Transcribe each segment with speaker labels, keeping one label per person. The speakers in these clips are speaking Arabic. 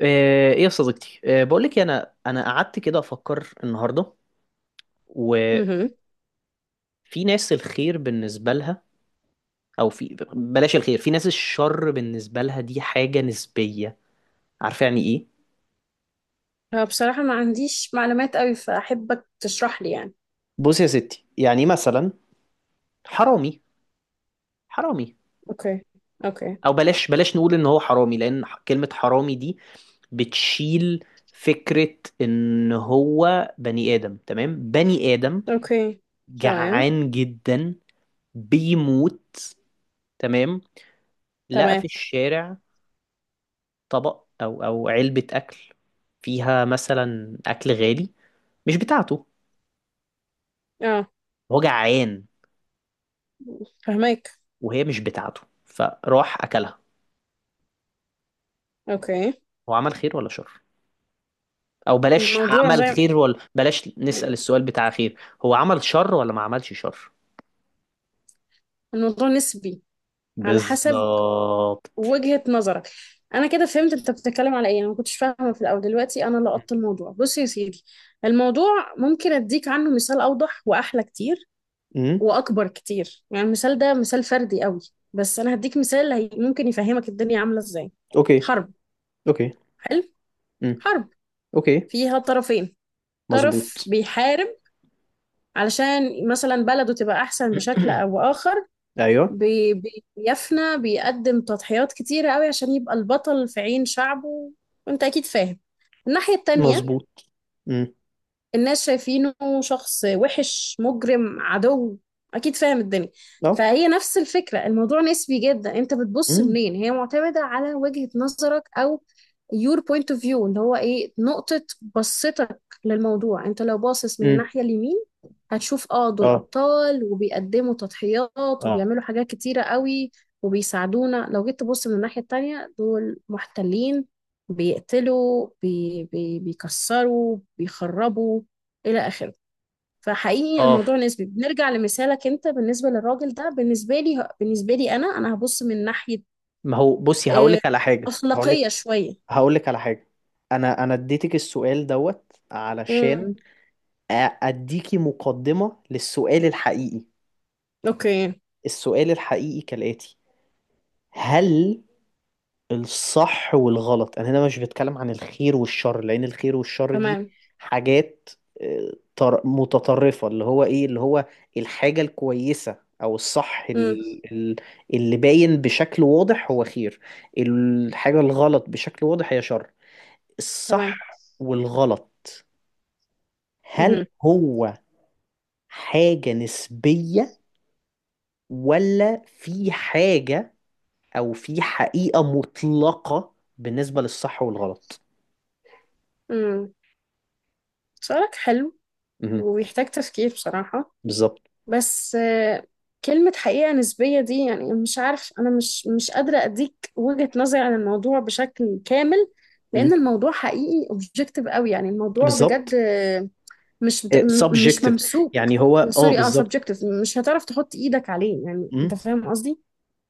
Speaker 1: ايه يا صديقتي، بقولك إيه، انا قعدت كده افكر النهارده، وفي
Speaker 2: مهم.
Speaker 1: ناس الخير بالنسبه لها، او في بلاش الخير، في ناس الشر بالنسبه لها. دي حاجه نسبيه. عارفه يعني ايه؟
Speaker 2: هو بصراحة ما عنديش معلومات قوي فأحبك تشرح لي يعني.
Speaker 1: بص يا ستي، يعني مثلا حرامي، حرامي،
Speaker 2: اوكي، اوكي،
Speaker 1: او بلاش نقول ان هو حرامي، لان كلمه حرامي دي بتشيل فكره ان هو بني ادم. تمام؟ بني ادم
Speaker 2: اوكي. تمام.
Speaker 1: جعان جدا بيموت. تمام؟ لقى في
Speaker 2: تمام.
Speaker 1: الشارع طبق أو علبة أكل فيها مثلا أكل غالي مش بتاعته.
Speaker 2: اه،
Speaker 1: هو جعان،
Speaker 2: فهمك.
Speaker 1: وهي مش بتاعته فراح أكلها.
Speaker 2: اوكي.
Speaker 1: هو عمل خير ولا شر؟ أو بلاش
Speaker 2: الموضوع
Speaker 1: عمل
Speaker 2: زي،
Speaker 1: خير ولا، بلاش نسأل السؤال بتاع خير، هو عمل شر ولا ما عملش شر؟
Speaker 2: الموضوع نسبي، على حسب
Speaker 1: بالظبط.
Speaker 2: وجهة نظرك. انا كده فهمت انت بتتكلم على ايه، انا ما كنتش فاهمة في الاول، دلوقتي انا لقطت الموضوع. بص يا سيدي، الموضوع ممكن اديك عنه مثال اوضح واحلى كتير
Speaker 1: امم.
Speaker 2: واكبر كتير. يعني المثال ده مثال فردي قوي، بس انا هديك مثال ممكن يفهمك الدنيا عاملة ازاي.
Speaker 1: اوكي،
Speaker 2: حرب.
Speaker 1: اوكي.
Speaker 2: حلو.
Speaker 1: امم.
Speaker 2: حرب
Speaker 1: اوكي.
Speaker 2: فيها طرفين، طرف
Speaker 1: مظبوط.
Speaker 2: بيحارب علشان مثلا بلده تبقى أحسن بشكل أو آخر،
Speaker 1: ايوه.
Speaker 2: بيفنى، بيقدم تضحيات كتيرة قوي عشان يبقى البطل في عين شعبه. وانت أكيد فاهم الناحية التانية،
Speaker 1: مظبوط. امم.
Speaker 2: الناس شايفينه شخص وحش، مجرم، عدو. اكيد فاهم الدنيا.
Speaker 1: اه.
Speaker 2: فهي نفس الفكرة، الموضوع نسبي جدا. انت بتبص
Speaker 1: امم.
Speaker 2: منين؟ هي معتمدة على وجهة نظرك، او your point of view، اللي هو ايه نقطة بصتك للموضوع. انت لو باصص من
Speaker 1: امم.
Speaker 2: الناحية اليمين هتشوف اه دول
Speaker 1: اه.
Speaker 2: ابطال وبيقدموا تضحيات وبيعملوا حاجات كتيرة قوي وبيساعدونا. لو جيت تبص من الناحية التانية، دول محتلين، بيقتلوا، بي بي بيكسروا، بيخربوا، الى اخره. فحقيقي
Speaker 1: اه.
Speaker 2: الموضوع نسبي. بنرجع لمثالك انت، بالنسبه للراجل ده، بالنسبه لي، بالنسبه لي انا، هبص من ناحيه
Speaker 1: ما هو بصي هقول
Speaker 2: آه،
Speaker 1: لك على حاجه، هقول
Speaker 2: اخلاقيه
Speaker 1: لك،
Speaker 2: شويه.
Speaker 1: هقول لك على حاجة. انا اديتك السؤال دوت
Speaker 2: امم.
Speaker 1: علشان أ- اديكي مقدمة للسؤال الحقيقي.
Speaker 2: اوكي.
Speaker 1: السؤال الحقيقي كالآتي: هل الصح والغلط، انا هنا مش بتكلم عن الخير والشر لان الخير والشر دي
Speaker 2: تمام.
Speaker 1: حاجات متطرفة، اللي هو ايه، اللي هو الحاجة الكويسة او الصح،
Speaker 2: امم.
Speaker 1: اللي باين بشكل واضح هو خير، الحاجة الغلط بشكل واضح هي شر.
Speaker 2: تمام.
Speaker 1: الصح والغلط، هل
Speaker 2: امم.
Speaker 1: هو حاجة نسبية، ولا في حاجة أو في حقيقة مطلقة بالنسبة للصح والغلط؟
Speaker 2: امم. سؤالك حلو
Speaker 1: مهم.
Speaker 2: ويحتاج تفكير بصراحه.
Speaker 1: بالظبط.
Speaker 2: بس كلمه حقيقه نسبيه دي، يعني مش عارف، انا مش قادره اديك وجهه نظري عن الموضوع بشكل كامل،
Speaker 1: مم.
Speaker 2: لان الموضوع حقيقي اوبجكتيف قوي. يعني الموضوع بجد
Speaker 1: بالظبط.
Speaker 2: مش بت-
Speaker 1: إيه،
Speaker 2: م- مش
Speaker 1: subjective،
Speaker 2: ممسوك.
Speaker 1: يعني هو، اه،
Speaker 2: سوري، اه،
Speaker 1: بالظبط.
Speaker 2: سبجكتيف. مش هتعرف تحط ايدك عليه، يعني انت
Speaker 1: مم.
Speaker 2: فاهم قصدي.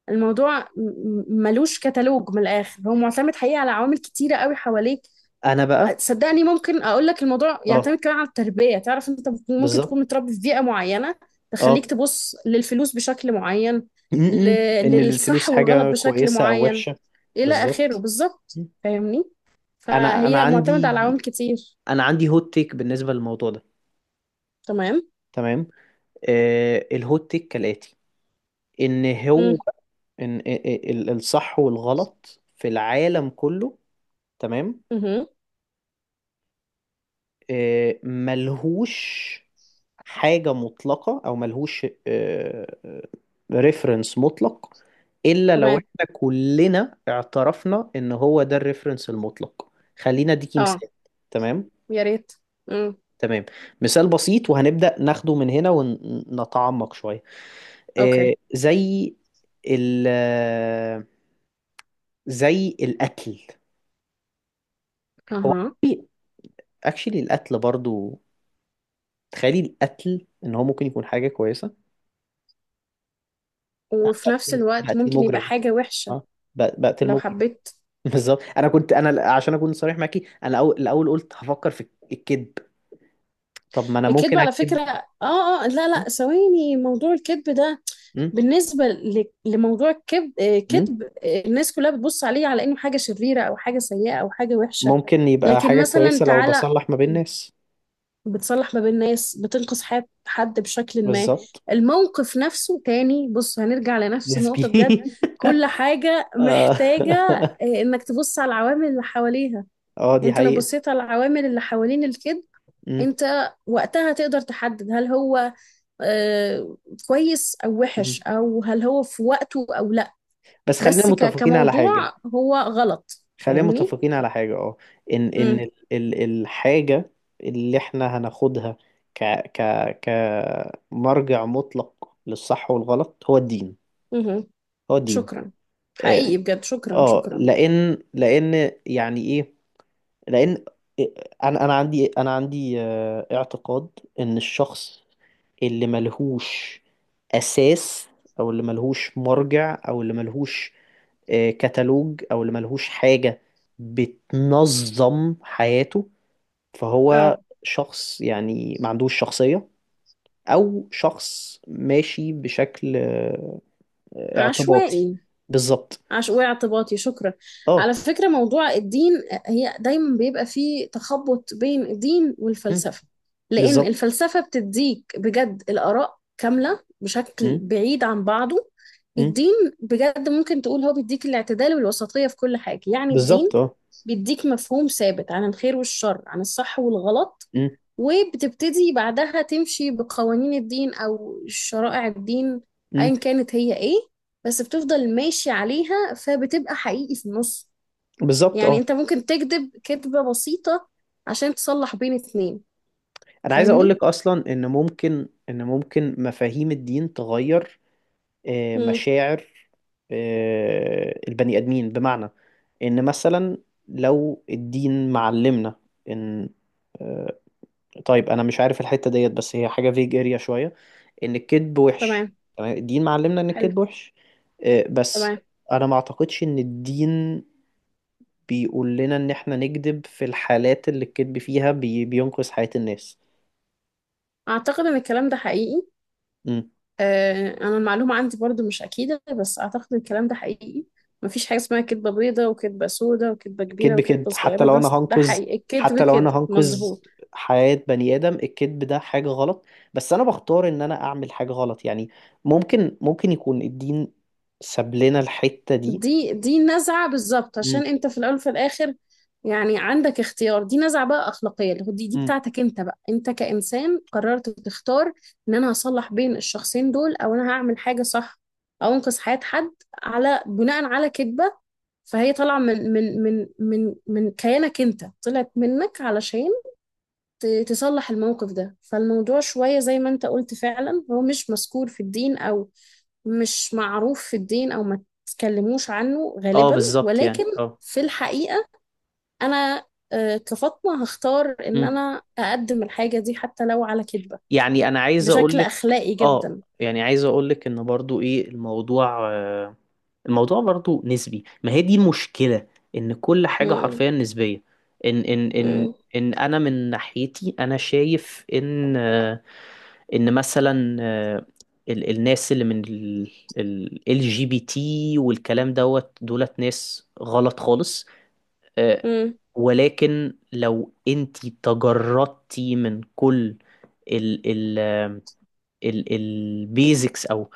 Speaker 2: الموضوع ملوش كتالوج، من الاخر هو معتمد حقيقي على عوامل كتيره قوي حواليك.
Speaker 1: أنا بقى،
Speaker 2: صدقني ممكن اقول لك الموضوع
Speaker 1: اه
Speaker 2: يعتمد كمان على التربيه. تعرف، انت ممكن تكون
Speaker 1: بالظبط،
Speaker 2: متربي في بيئه معينه
Speaker 1: اه.
Speaker 2: تخليك تبص للفلوس بشكل معين، ل...
Speaker 1: مم. إن
Speaker 2: للصح
Speaker 1: الفلوس
Speaker 2: والغلط
Speaker 1: حاجة
Speaker 2: بشكل
Speaker 1: كويسة أو
Speaker 2: معين،
Speaker 1: وحشة.
Speaker 2: الى اخره.
Speaker 1: بالظبط.
Speaker 2: بالظبط،
Speaker 1: مم.
Speaker 2: فاهمني؟
Speaker 1: أنا أنا
Speaker 2: فهي معتمده على عوامل
Speaker 1: عندي
Speaker 2: كتير.
Speaker 1: أنا عندي هوت تيك بالنسبة للموضوع ده.
Speaker 2: تمام.
Speaker 1: تمام. الهوت تيك كالآتي: إن هو،
Speaker 2: امم.
Speaker 1: ان الصح والغلط في العالم كله، تمام، ملهوش حاجة مطلقة، او ملهوش ريفرنس مطلق، الا لو
Speaker 2: تمام.
Speaker 1: احنا كلنا اعترفنا ان هو ده الريفرنس المطلق. خلينا اديكي
Speaker 2: اه.
Speaker 1: مثال. تمام.
Speaker 2: يا ريت. امم.
Speaker 1: تمام. مثال بسيط، وهنبدأ ناخده من هنا ونتعمق شوية. آه،
Speaker 2: اوكي.
Speaker 1: زي ال زي الأكل. هو
Speaker 2: اها.
Speaker 1: اكشلي القتل برضو، تخيلي القتل ان هو ممكن يكون حاجه كويسه.
Speaker 2: وفي نفس
Speaker 1: بقتل
Speaker 2: الوقت
Speaker 1: بقتل
Speaker 2: ممكن يبقى
Speaker 1: مجرم،
Speaker 2: حاجة وحشة،
Speaker 1: اه، بقتل
Speaker 2: لو
Speaker 1: مجرم.
Speaker 2: حبيت.
Speaker 1: بالظبط. انا عشان اكون صريح معاكي، انا الاول قلت هفكر في الكذب. طب ما انا
Speaker 2: الكذب
Speaker 1: ممكن
Speaker 2: على
Speaker 1: اكذب.
Speaker 2: فكرة، اه اه لا
Speaker 1: آه،
Speaker 2: لا، ثواني، موضوع الكذب ده،
Speaker 1: م-
Speaker 2: بالنسبة لموضوع الكذب،
Speaker 1: م-
Speaker 2: كذب، الناس كلها بتبص عليه على انه حاجة شريرة او حاجة سيئة او حاجة وحشة،
Speaker 1: ممكن يبقى
Speaker 2: لكن
Speaker 1: حاجه
Speaker 2: مثلا
Speaker 1: كويسه لو
Speaker 2: تعالى،
Speaker 1: بصلح ما بين ناس.
Speaker 2: بتصلح ما بين ناس، بتنقذ حياة حد بشكل ما.
Speaker 1: بالظبط.
Speaker 2: الموقف نفسه تاني، بص هنرجع لنفس
Speaker 1: نسبي.
Speaker 2: النقطة بجد، كل حاجة
Speaker 1: اه.
Speaker 2: محتاجة انك تبص على العوامل اللي حواليها.
Speaker 1: دي
Speaker 2: انت لو
Speaker 1: حقيقه.
Speaker 2: بصيت على العوامل اللي حوالين الكذب،
Speaker 1: م-
Speaker 2: انت وقتها تقدر تحدد هل هو آه، كويس او وحش،
Speaker 1: م.
Speaker 2: او هل هو في وقته او لا.
Speaker 1: بس
Speaker 2: بس كموضوع هو غلط،
Speaker 1: خلينا
Speaker 2: فاهمني؟
Speaker 1: متفقين على حاجة، اه. ان الحاجة اللي احنا هناخدها ك ك كمرجع مطلق للصح والغلط هو الدين.
Speaker 2: امم.
Speaker 1: هو الدين.
Speaker 2: شكرا،
Speaker 1: اه.
Speaker 2: حقيقي بجد، شكرا شكرا.
Speaker 1: لان يعني ايه؟ لان انا عندي اعتقاد ان الشخص اللي ملهوش اساس، او اللي ملهوش مرجع، او اللي ملهوش كتالوج، او اللي ملهوش حاجة بتنظم حياته، فهو
Speaker 2: اه.
Speaker 1: شخص يعني ما عندوش شخصية، او شخص ماشي بشكل اعتباطي.
Speaker 2: عشوائي.
Speaker 1: بالظبط.
Speaker 2: عش واعتباطي، شكرا.
Speaker 1: اه.
Speaker 2: على فكرة موضوع الدين، هي دايما بيبقى فيه تخبط بين الدين
Speaker 1: مم.
Speaker 2: والفلسفة. لأن
Speaker 1: بالظبط.
Speaker 2: الفلسفة بتديك بجد الآراء كاملة بشكل
Speaker 1: مم.
Speaker 2: بعيد عن بعضه.
Speaker 1: مم.
Speaker 2: الدين بجد ممكن تقول هو بيديك الاعتدال والوسطية في كل حاجة. يعني الدين
Speaker 1: بالظبط. اه.
Speaker 2: بيديك مفهوم ثابت عن الخير والشر، عن الصح والغلط،
Speaker 1: مم.
Speaker 2: وبتبتدي بعدها تمشي بقوانين الدين أو شرائع الدين
Speaker 1: مم.
Speaker 2: أيا كانت هي إيه، بس بتفضل ماشي عليها فبتبقى حقيقي في النص.
Speaker 1: بالظبط.
Speaker 2: يعني
Speaker 1: اه.
Speaker 2: أنت ممكن تكذب كذبة بسيطة عشان تصلح بين اتنين،
Speaker 1: انا عايز اقول
Speaker 2: فاهمني؟
Speaker 1: لك اصلا ان ممكن مفاهيم الدين تغير
Speaker 2: مم.
Speaker 1: مشاعر البني ادمين، بمعنى ان مثلا لو الدين معلمنا ان، آه، طيب انا مش عارف الحتة ديت بس هي حاجة فيج اريا شوية، ان الكذب وحش.
Speaker 2: تمام.
Speaker 1: تمام؟ الدين معلمنا ان
Speaker 2: حلو.
Speaker 1: الكذب وحش، بس
Speaker 2: تمام.
Speaker 1: انا ما اعتقدش ان الدين بيقول لنا ان احنا نكذب في الحالات اللي الكذب فيها بينقذ حياة الناس.
Speaker 2: أعتقد إن الكلام ده حقيقي. آه، أنا المعلومة عندي برضو مش أكيدة، بس أعتقد إن الكلام ده حقيقي. مفيش حاجة اسمها كدبة بيضة وكدبة سودة وكدبة كبيرة
Speaker 1: الكذب
Speaker 2: وكدبة
Speaker 1: كذب.
Speaker 2: صغيرة. ده حقيقي، الكدب
Speaker 1: حتى لو
Speaker 2: كده
Speaker 1: انا هنقذ
Speaker 2: مظبوط.
Speaker 1: حياة بني ادم، الكذب ده حاجة غلط، بس انا بختار ان انا اعمل حاجة غلط. يعني ممكن يكون الدين ساب لنا الحتة دي.
Speaker 2: دي نزعة، بالظبط.
Speaker 1: امم.
Speaker 2: عشان انت في الاول وفي الاخر يعني عندك اختيار. دي نزعة بقى اخلاقية، اللي هو دي
Speaker 1: امم.
Speaker 2: بتاعتك انت بقى، انت كإنسان قررت تختار ان انا هصلح بين الشخصين دول، او انا هعمل حاجة صح، او انقذ حياة حد على بناء على كذبة. فهي طالعة من كيانك انت، طلعت منك علشان تصلح الموقف ده. فالموضوع شوية زي ما انت قلت فعلا، هو مش مذكور في الدين او مش معروف في الدين او ما تتكلموش عنه
Speaker 1: اه
Speaker 2: غالبا،
Speaker 1: بالظبط.
Speaker 2: ولكن
Speaker 1: يعني اه.
Speaker 2: في الحقيقة انا كفاطمة هختار ان
Speaker 1: امم.
Speaker 2: انا اقدم الحاجة دي حتى لو على كذبة،
Speaker 1: يعني انا عايز اقول
Speaker 2: بشكل
Speaker 1: لك
Speaker 2: اخلاقي
Speaker 1: اه
Speaker 2: جدا.
Speaker 1: يعني عايز اقول لك ان برضو ايه الموضوع، الموضوع برضو نسبي. ما هي دي المشكلة، ان كل حاجة
Speaker 2: مم.
Speaker 1: حرفيا نسبية. ان ان ان
Speaker 2: مم.
Speaker 1: ان انا من ناحيتي انا شايف ان، ان مثلا الناس اللي من LGBT والكلام دوت دولت ناس غلط خالص، آه،
Speaker 2: مم.
Speaker 1: ولكن لو انتي تجردتي من كل ال ال ال البيزكس او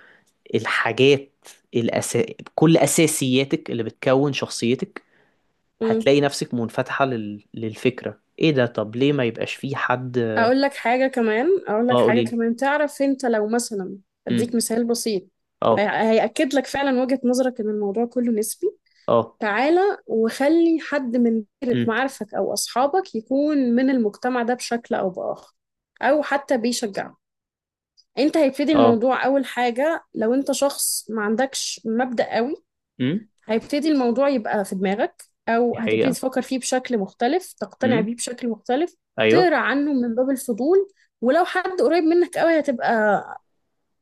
Speaker 1: الحاجات، الأس... كل أساسياتك اللي بتكون شخصيتك،
Speaker 2: مم.
Speaker 1: هتلاقي نفسك منفتحة للفكرة، ايه ده، طب ليه ما يبقاش في حد.
Speaker 2: اقول لك حاجة كمان، اقول لك
Speaker 1: اه
Speaker 2: حاجة
Speaker 1: قوليلي.
Speaker 2: كمان. تعرف انت لو مثلا
Speaker 1: امم.
Speaker 2: اديك مثال بسيط،
Speaker 1: اه.
Speaker 2: هيأكد لك فعلا وجهة نظرك ان الموضوع كله نسبي.
Speaker 1: اه.
Speaker 2: تعالى وخلي حد من دايرة
Speaker 1: امم.
Speaker 2: معارفك أو أصحابك يكون من المجتمع ده بشكل أو بآخر، أو حتى بيشجعه. أنت هيبتدي
Speaker 1: اه.
Speaker 2: الموضوع، أول حاجة لو أنت شخص ما عندكش مبدأ قوي،
Speaker 1: امم.
Speaker 2: هيبتدي الموضوع يبقى في دماغك، أو
Speaker 1: دي
Speaker 2: هتبتدي
Speaker 1: حقيقة.
Speaker 2: تفكر فيه بشكل مختلف، تقتنع
Speaker 1: امم.
Speaker 2: بيه بشكل مختلف،
Speaker 1: ايوه.
Speaker 2: تقرأ عنه من باب الفضول. ولو حد قريب منك قوي، هتبقى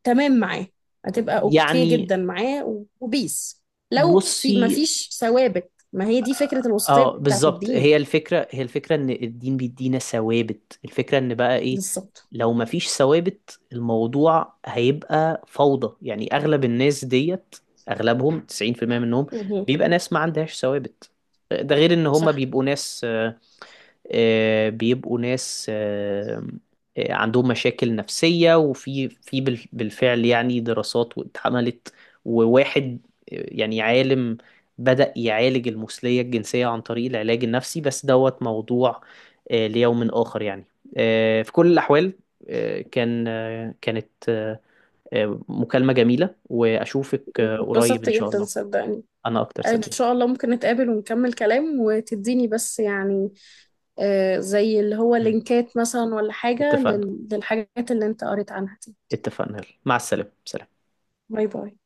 Speaker 2: تمام معاه، هتبقى اوكي
Speaker 1: يعني
Speaker 2: جدا معاه، وبيس. لو في، ما
Speaker 1: بصي،
Speaker 2: فيش ثوابت. ما هي دي فكرة الوسطية
Speaker 1: اه
Speaker 2: بتاعت
Speaker 1: بالظبط،
Speaker 2: الدين،
Speaker 1: هي الفكرة، ان الدين بيدينا ثوابت. الفكرة ان بقى ايه،
Speaker 2: بالظبط.
Speaker 1: لو مفيش ثوابت الموضوع هيبقى فوضى. يعني اغلب الناس ديت، اغلبهم 90% منهم
Speaker 2: مهم.
Speaker 1: بيبقى ناس ما عندهاش ثوابت، ده غير ان هم
Speaker 2: صح.
Speaker 1: بيبقوا ناس، آه، بيبقوا ناس آه، عندهم مشاكل نفسية، وفي بالفعل يعني دراسات واتعملت. وواحد يعني عالم بدأ يعالج المثلية الجنسية عن طريق العلاج النفسي، بس دوت موضوع ليوم آخر يعني. في كل الأحوال، كانت مكالمة جميلة، وأشوفك قريب
Speaker 2: اتبسطت
Speaker 1: إن شاء
Speaker 2: جدا
Speaker 1: الله.
Speaker 2: صدقني.
Speaker 1: أنا أكتر
Speaker 2: ان
Speaker 1: صديق.
Speaker 2: شاء الله ممكن نتقابل ونكمل كلام، وتديني بس يعني آه زي اللي هو لينكات مثلا ولا حاجة
Speaker 1: اتفقنا،
Speaker 2: للحاجات اللي انت قريت عنها دي.
Speaker 1: اتفقنا، يلا. مع السلامة. سلام.
Speaker 2: باي باي.